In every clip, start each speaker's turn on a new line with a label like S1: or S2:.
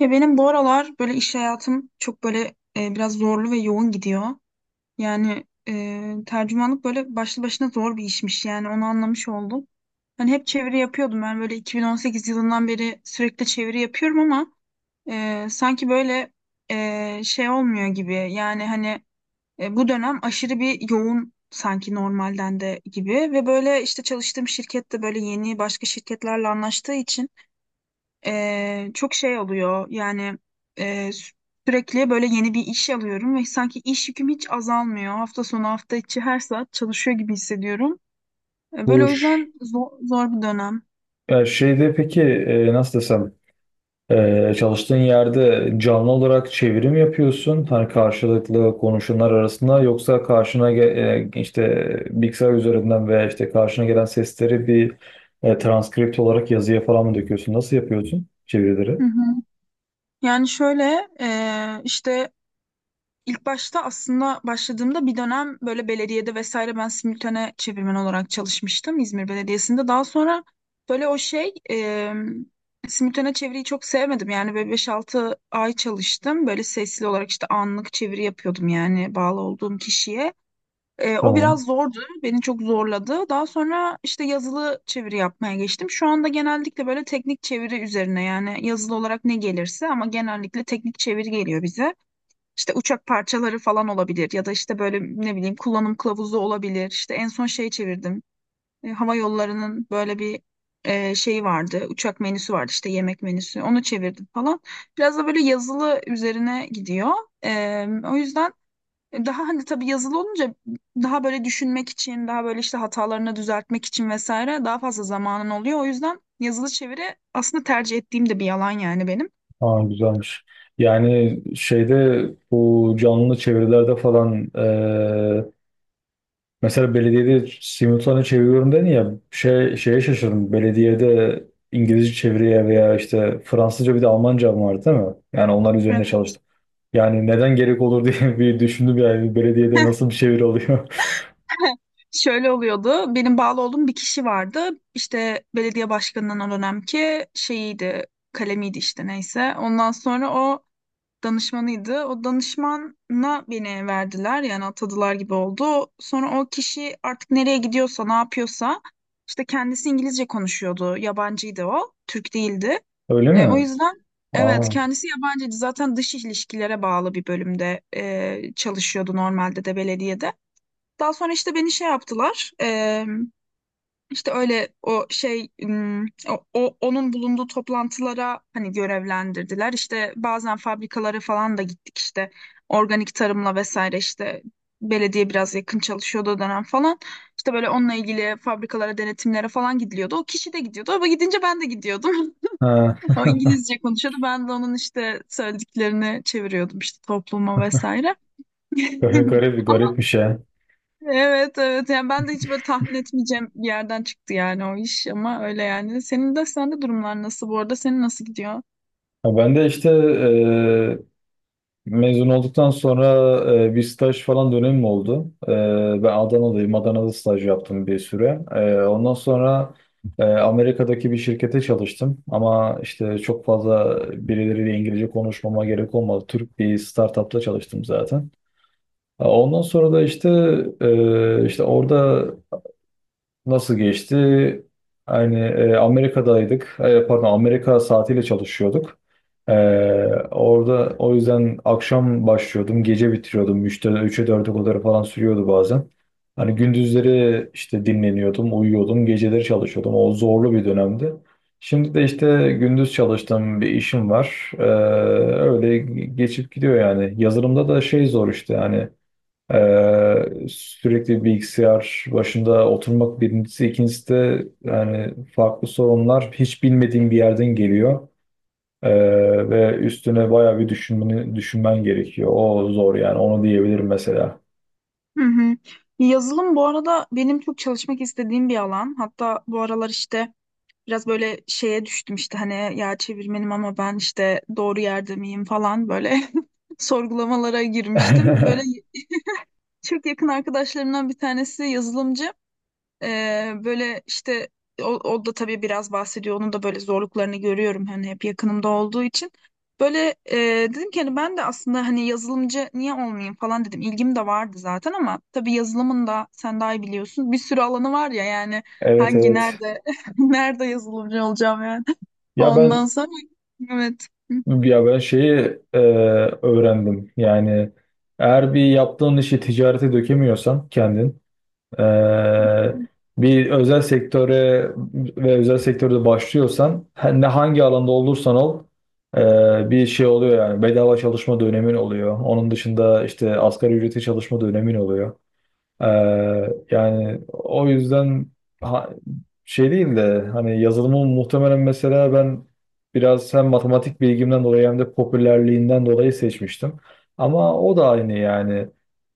S1: Ya benim bu aralar böyle iş hayatım çok böyle biraz zorlu ve yoğun gidiyor. Yani tercümanlık böyle başlı başına zor bir işmiş yani onu anlamış oldum. Hani hep çeviri yapıyordum ben böyle 2018 yılından beri sürekli çeviri yapıyorum ama sanki böyle şey olmuyor gibi. Yani hani bu dönem aşırı bir yoğun sanki normalden de gibi ve böyle işte çalıştığım şirkette böyle yeni başka şirketlerle anlaştığı için çok şey oluyor yani e, sü- sürekli böyle yeni bir iş alıyorum ve sanki iş yüküm hiç azalmıyor. Hafta sonu hafta içi her saat çalışıyor gibi hissediyorum. Böyle
S2: Bu
S1: o
S2: ş-
S1: yüzden zor, zor bir dönem.
S2: ya şeyde peki nasıl desem, çalıştığın yerde canlı olarak çevirim yapıyorsun hani karşılıklı konuşanlar arasında, yoksa işte bilgisayar üzerinden veya işte karşına gelen sesleri bir transkript olarak yazıya falan mı döküyorsun? Nasıl yapıyorsun çevirileri?
S1: Hı hı. Yani şöyle işte İlk başta aslında başladığımda bir dönem böyle belediyede vesaire ben simültane çevirmen olarak çalışmıştım İzmir Belediyesi'nde. Daha sonra böyle o simültane çeviriyi çok sevmedim. Yani böyle 5-6 ay çalıştım. Böyle sesli olarak işte anlık çeviri yapıyordum yani bağlı olduğum kişiye. E, o
S2: Tamam.
S1: biraz zordu. Beni çok zorladı. Daha sonra işte yazılı çeviri yapmaya geçtim. Şu anda genellikle böyle teknik çeviri üzerine yani yazılı olarak ne gelirse ama genellikle teknik çeviri geliyor bize. İşte uçak parçaları falan olabilir ya da işte böyle ne bileyim kullanım kılavuzu olabilir. İşte en son şey çevirdim. E, hava yollarının böyle bir şeyi vardı. Uçak menüsü vardı işte yemek menüsü. Onu çevirdim falan. Biraz da böyle yazılı üzerine gidiyor. E, o yüzden Daha hani tabii yazılı olunca daha böyle düşünmek için, daha böyle işte hatalarını düzeltmek için vesaire daha fazla zamanın oluyor. O yüzden yazılı çeviri aslında tercih ettiğim de bir yalan yani benim.
S2: Aa, güzelmiş. Yani şeyde, bu canlı çevirilerde falan, mesela belediyede simultane çeviriyorum dedin ya, şeye şaşırdım. Belediyede İngilizce çeviriye veya işte Fransızca, bir de Almanca mı vardı değil mi? Yani onlar üzerine
S1: Evet.
S2: çalıştım. Yani neden gerek olur diye bir düşündüm yani, belediyede nasıl bir çeviri oluyor.
S1: Şöyle oluyordu. Benim bağlı olduğum bir kişi vardı. İşte belediye başkanının o dönemki şeyiydi, kalemiydi işte neyse. Ondan sonra o danışmanıydı. O danışmana beni verdiler yani atadılar gibi oldu. Sonra o kişi artık nereye gidiyorsa, ne yapıyorsa işte kendisi İngilizce konuşuyordu. Yabancıydı o, Türk değildi.
S2: Öyle
S1: E, o
S2: mi?
S1: yüzden evet
S2: Aa,
S1: kendisi yabancıydı. Zaten dış ilişkilere bağlı bir bölümde çalışıyordu normalde de belediyede. Daha sonra işte beni şey yaptılar. İşte öyle o onun bulunduğu toplantılara hani görevlendirdiler. İşte bazen fabrikalara falan da gittik işte organik tarımla vesaire işte belediye biraz yakın çalışıyordu o dönem falan. İşte böyle onunla ilgili fabrikalara denetimlere falan gidiliyordu. O kişi de gidiyordu. O gidince ben de gidiyordum.
S2: ha,
S1: O İngilizce konuşuyordu. Ben de onun işte söylediklerini çeviriyordum işte topluma vesaire.
S2: garip
S1: Ama
S2: garipmiş ya.
S1: evet, evet, yani ben de hiç böyle tahmin etmeyeceğim bir yerden çıktı yani o iş ama öyle yani. Senin de sende durumlar nasıl bu arada? Senin nasıl gidiyor?
S2: Ha, ben de işte mezun olduktan sonra bir staj falan dönemim oldu. Ben Adanalıyım. Adana'da staj yaptım bir süre. Ondan sonra Amerika'daki bir şirkete çalıştım. Ama işte çok fazla birileriyle İngilizce konuşmama gerek olmadı. Türk bir startupta çalıştım zaten. Ondan sonra da işte orada nasıl geçti? Yani, Amerika'daydık. E, pardon, Amerika saatiyle çalışıyorduk. E, Orada o yüzden akşam başlıyordum, gece bitiriyordum. 3'e 4'e kadar falan sürüyordu bazen. Hani gündüzleri işte dinleniyordum, uyuyordum, geceleri çalışıyordum. O zorlu bir dönemdi. Şimdi de işte gündüz çalıştığım bir işim var. Öyle geçip gidiyor yani. Yazılımda da şey, zor işte yani. Sürekli bilgisayar başında oturmak birincisi, ikincisi de yani farklı sorunlar hiç bilmediğin bir yerden geliyor. Ve üstüne bayağı bir düşünmen gerekiyor. O zor yani, onu diyebilirim mesela.
S1: Hı hı. Yazılım bu arada benim çok çalışmak istediğim bir alan. Hatta bu aralar işte biraz böyle şeye düştüm işte hani ya çevirmenim ama ben işte doğru yerde miyim falan böyle sorgulamalara girmiştim. Böyle çok yakın arkadaşlarımdan bir tanesi yazılımcı. Böyle işte o da tabii biraz bahsediyor. Onun da böyle zorluklarını görüyorum hani hep yakınımda olduğu için. Böyle dedim ki hani ben de aslında hani yazılımcı niye olmayayım falan dedim. İlgim de vardı zaten ama tabii yazılımın da sen daha iyi biliyorsun. Bir sürü alanı var ya yani
S2: Evet, evet.
S1: nerede nerede yazılımcı olacağım yani.
S2: Ya
S1: Ondan
S2: ben
S1: sonra evet.
S2: ya ben şeyi, e, öğrendim. Yani eğer bir yaptığın işi ticarete dökemiyorsan kendin, Ee, bir özel sektöre ve özel sektörde başlıyorsan, ne hangi alanda olursan ol, bir şey oluyor yani, bedava çalışma dönemin oluyor. Onun dışında işte asgari ücreti çalışma dönemin oluyor. Ee, Yani o yüzden ha- şey değil de, hani yazılımı muhtemelen mesela ben biraz hem matematik bilgimden dolayı hem de popülerliğinden dolayı seçmiştim. Ama o da aynı yani.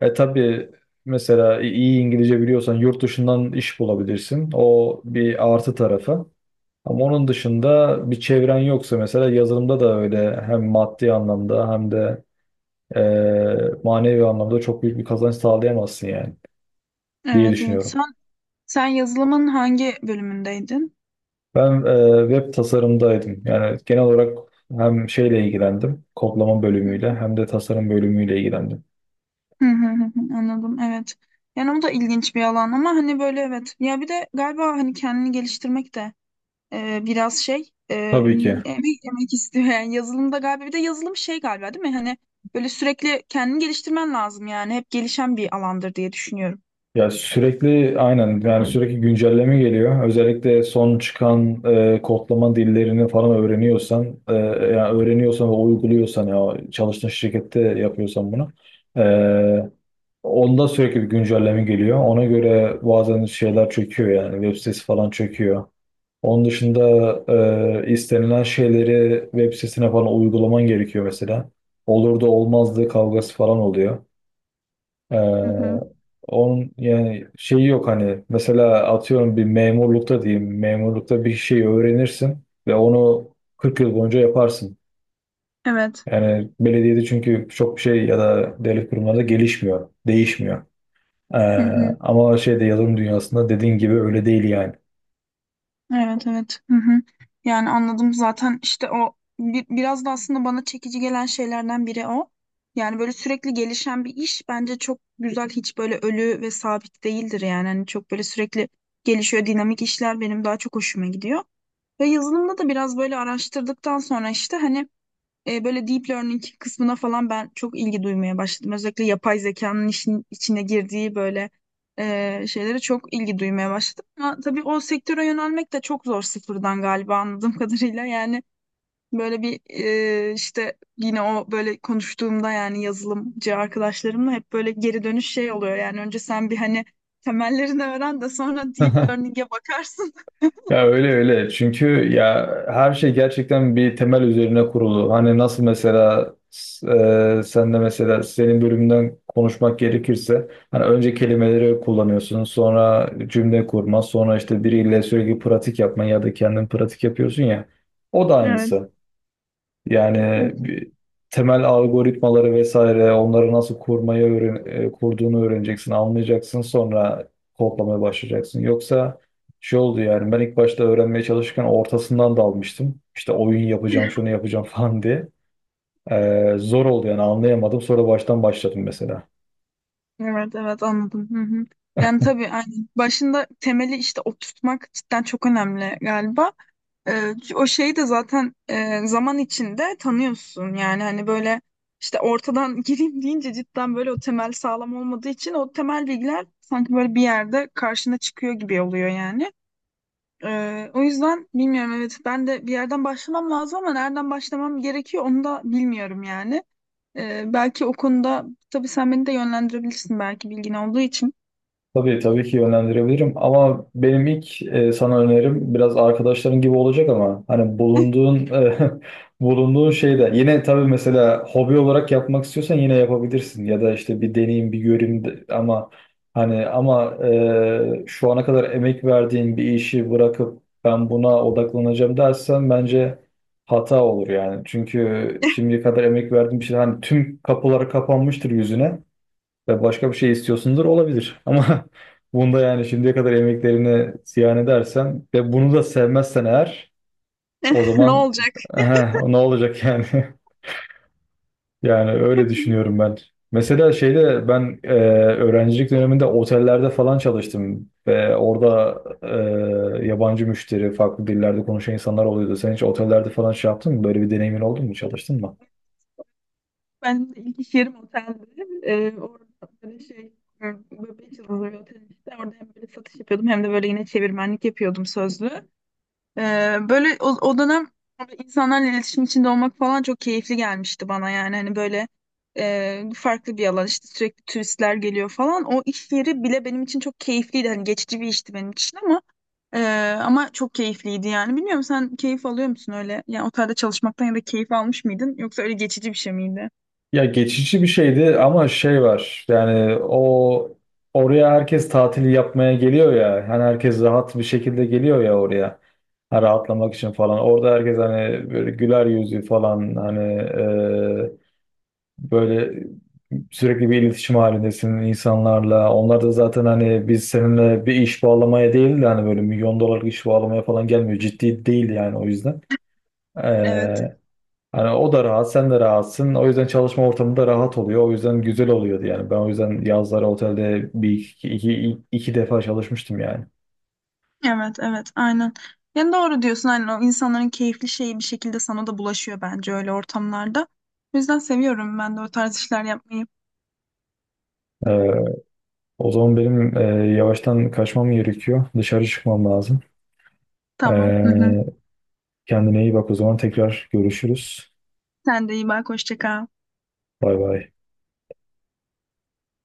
S2: E tabii, mesela iyi İngilizce biliyorsan yurt dışından iş bulabilirsin. O bir artı tarafı. Ama onun dışında bir çevren yoksa, mesela yazılımda da öyle, hem maddi anlamda hem de e, manevi anlamda çok büyük bir kazanç sağlayamazsın yani, diye
S1: Evet, evet.
S2: düşünüyorum.
S1: Sen yazılımın hangi bölümündeydin?
S2: Ben, web tasarımdaydım. Yani genel olarak hem şeyle ilgilendim, kodlama bölümüyle, hem de tasarım bölümüyle ilgilendim.
S1: Hı, Anladım, evet. Yani o da ilginç bir alan ama hani böyle evet. Ya bir de galiba hani kendini geliştirmek de e, biraz şey e,
S2: Tabii ki.
S1: emek emek istiyor yani yazılımda galiba bir de yazılım şey galiba değil mi? Hani böyle sürekli kendini geliştirmen lazım yani hep gelişen bir alandır diye düşünüyorum.
S2: Ya sürekli, aynen yani, sürekli güncelleme geliyor. Özellikle son çıkan kodlama dillerini falan öğreniyorsan, yani öğreniyorsan ve uyguluyorsan, ya çalıştığın şirkette yapıyorsan bunu, e, onda sürekli bir güncelleme geliyor. Ona göre bazen şeyler çöküyor yani, web sitesi falan çöküyor. Onun dışında istenilen şeyleri web sitesine falan uygulaman gerekiyor mesela. Olur da olmazdı kavgası falan oluyor.
S1: Hı hı.
S2: E, Onun yani şeyi yok, hani mesela atıyorum bir memurlukta, diyeyim memurlukta bir şey öğrenirsin ve onu 40 yıl boyunca yaparsın.
S1: Evet.
S2: Yani belediyede çünkü çok bir şey, ya da devlet kurumlarında gelişmiyor, değişmiyor. Ee,
S1: Hı hı.
S2: Ama şeyde, yazılım dünyasında, dediğin gibi öyle değil yani.
S1: Evet, evet. Hı hı. Yani anladım zaten işte o biraz da aslında bana çekici gelen şeylerden biri o. Yani böyle sürekli gelişen bir iş bence çok güzel hiç böyle ölü ve sabit değildir yani. Hani çok böyle sürekli gelişiyor dinamik işler benim daha çok hoşuma gidiyor. Ve yazılımda da biraz böyle araştırdıktan sonra işte hani böyle deep learning kısmına falan ben çok ilgi duymaya başladım. Özellikle yapay zekanın işin içine girdiği böyle şeylere çok ilgi duymaya başladım. Ama tabii o sektöre yönelmek de çok zor sıfırdan galiba anladığım kadarıyla. Yani böyle bir işte yine o böyle konuştuğumda yani yazılımcı arkadaşlarımla hep böyle geri dönüş şey oluyor. Yani önce sen bir hani temellerini öğren de sonra deep learning'e bakarsın.
S2: Ya öyle öyle. Çünkü ya, her şey gerçekten bir temel üzerine kurulu. Hani nasıl mesela, sen de mesela senin bölümünden konuşmak gerekirse, hani önce kelimeleri kullanıyorsun, sonra cümle kurma, sonra işte biriyle sürekli pratik yapma ya da kendin pratik yapıyorsun ya. O da aynısı. Yani
S1: Evet.
S2: temel algoritmaları vesaire, onları nasıl kurmayı öğren, kurduğunu öğreneceksin, anlayacaksın, sonra kodlamaya başlayacaksın. Yoksa şey oldu yani, ben ilk başta öğrenmeye çalışırken ortasından dalmıştım. İşte oyun yapacağım, şunu yapacağım falan diye. Zor oldu yani, anlayamadım. Sonra baştan başladım mesela.
S1: Evet, evet, anladım. Hı hı. Yani tabii aynen. Başında temeli işte oturtmak cidden çok önemli galiba. O şeyi de zaten zaman içinde tanıyorsun. Yani hani böyle işte ortadan gireyim deyince cidden böyle o temel sağlam olmadığı için o temel bilgiler sanki böyle bir yerde karşına çıkıyor gibi oluyor yani. O yüzden bilmiyorum evet ben de bir yerden başlamam lazım ama nereden başlamam gerekiyor onu da bilmiyorum yani. Belki o konuda tabii sen beni de yönlendirebilirsin belki bilgin olduğu için.
S2: Tabii, tabii ki yönlendirebilirim, ama benim ilk sana önerim biraz arkadaşların gibi olacak. Ama hani bulunduğun bulunduğun şeyde yine tabii, mesela hobi olarak yapmak istiyorsan yine yapabilirsin ya da işte bir deneyim bir göreyim ama hani, ama şu ana kadar emek verdiğin bir işi bırakıp ben buna odaklanacağım dersen, bence hata olur yani. Çünkü şimdiye kadar emek verdiğin bir şey, hani tüm kapıları kapanmıştır yüzüne ve başka bir şey istiyorsundur, olabilir. Ama bunda yani, şimdiye kadar emeklerini ziyan edersen ve bunu da sevmezsen eğer, o
S1: Ne
S2: zaman
S1: olacak?
S2: ne olacak yani? Yani öyle düşünüyorum ben. Mesela şeyde, ben öğrencilik döneminde otellerde falan çalıştım ve orada yabancı müşteri, farklı dillerde konuşan insanlar oluyordu. Sen hiç otellerde falan şey yaptın mı? Böyle bir deneyimin oldu mu? Çalıştın mı?
S1: Ben ilk iş yerim otelde. Orada böyle e, böyle beş yıldızlı bir otel işte. Orada hem böyle satış yapıyordum hem de böyle yine çevirmenlik yapıyordum sözlü. Böyle o dönem böyle insanlarla iletişim içinde olmak falan çok keyifli gelmişti bana yani hani böyle farklı bir alan işte sürekli turistler geliyor falan. O iş yeri bile benim için çok keyifliydi. Hani geçici bir işti benim için ama Ee, ama çok keyifliydi yani. Bilmiyorum sen keyif alıyor musun öyle? Yani otelde çalışmaktan ya da keyif almış mıydın? Yoksa öyle geçici bir şey miydi?
S2: Ya geçici bir şeydi, ama şey var yani, o oraya herkes tatili yapmaya geliyor ya, yani herkes rahat bir şekilde geliyor ya oraya, ha, rahatlamak için falan. Orada herkes hani böyle güler yüzlü falan, hani böyle sürekli bir iletişim halindesin insanlarla, onlar da zaten hani biz seninle bir iş bağlamaya değil de hani böyle milyon dolarlık iş bağlamaya falan gelmiyor, ciddi değil yani, o yüzden.
S1: Evet.
S2: Hani o da rahat, sen de rahatsın. O yüzden çalışma ortamı da rahat oluyor. O yüzden güzel oluyordu yani. Ben o yüzden yazları otelde iki defa çalışmıştım yani.
S1: Evet, evet, aynen. Yani doğru diyorsun. Aynen o insanların keyifli şeyi bir şekilde sana da bulaşıyor bence öyle ortamlarda. O yüzden seviyorum ben de o tarz işler yapmayı.
S2: Ee, O zaman benim yavaştan kaçmam gerekiyor. Dışarı çıkmam lazım.
S1: Tamam. Hı hı.
S2: Ee, Kendine iyi bak o zaman. Tekrar görüşürüz.
S1: Sen de iyi bak. Hoşça kal.
S2: Bay bay.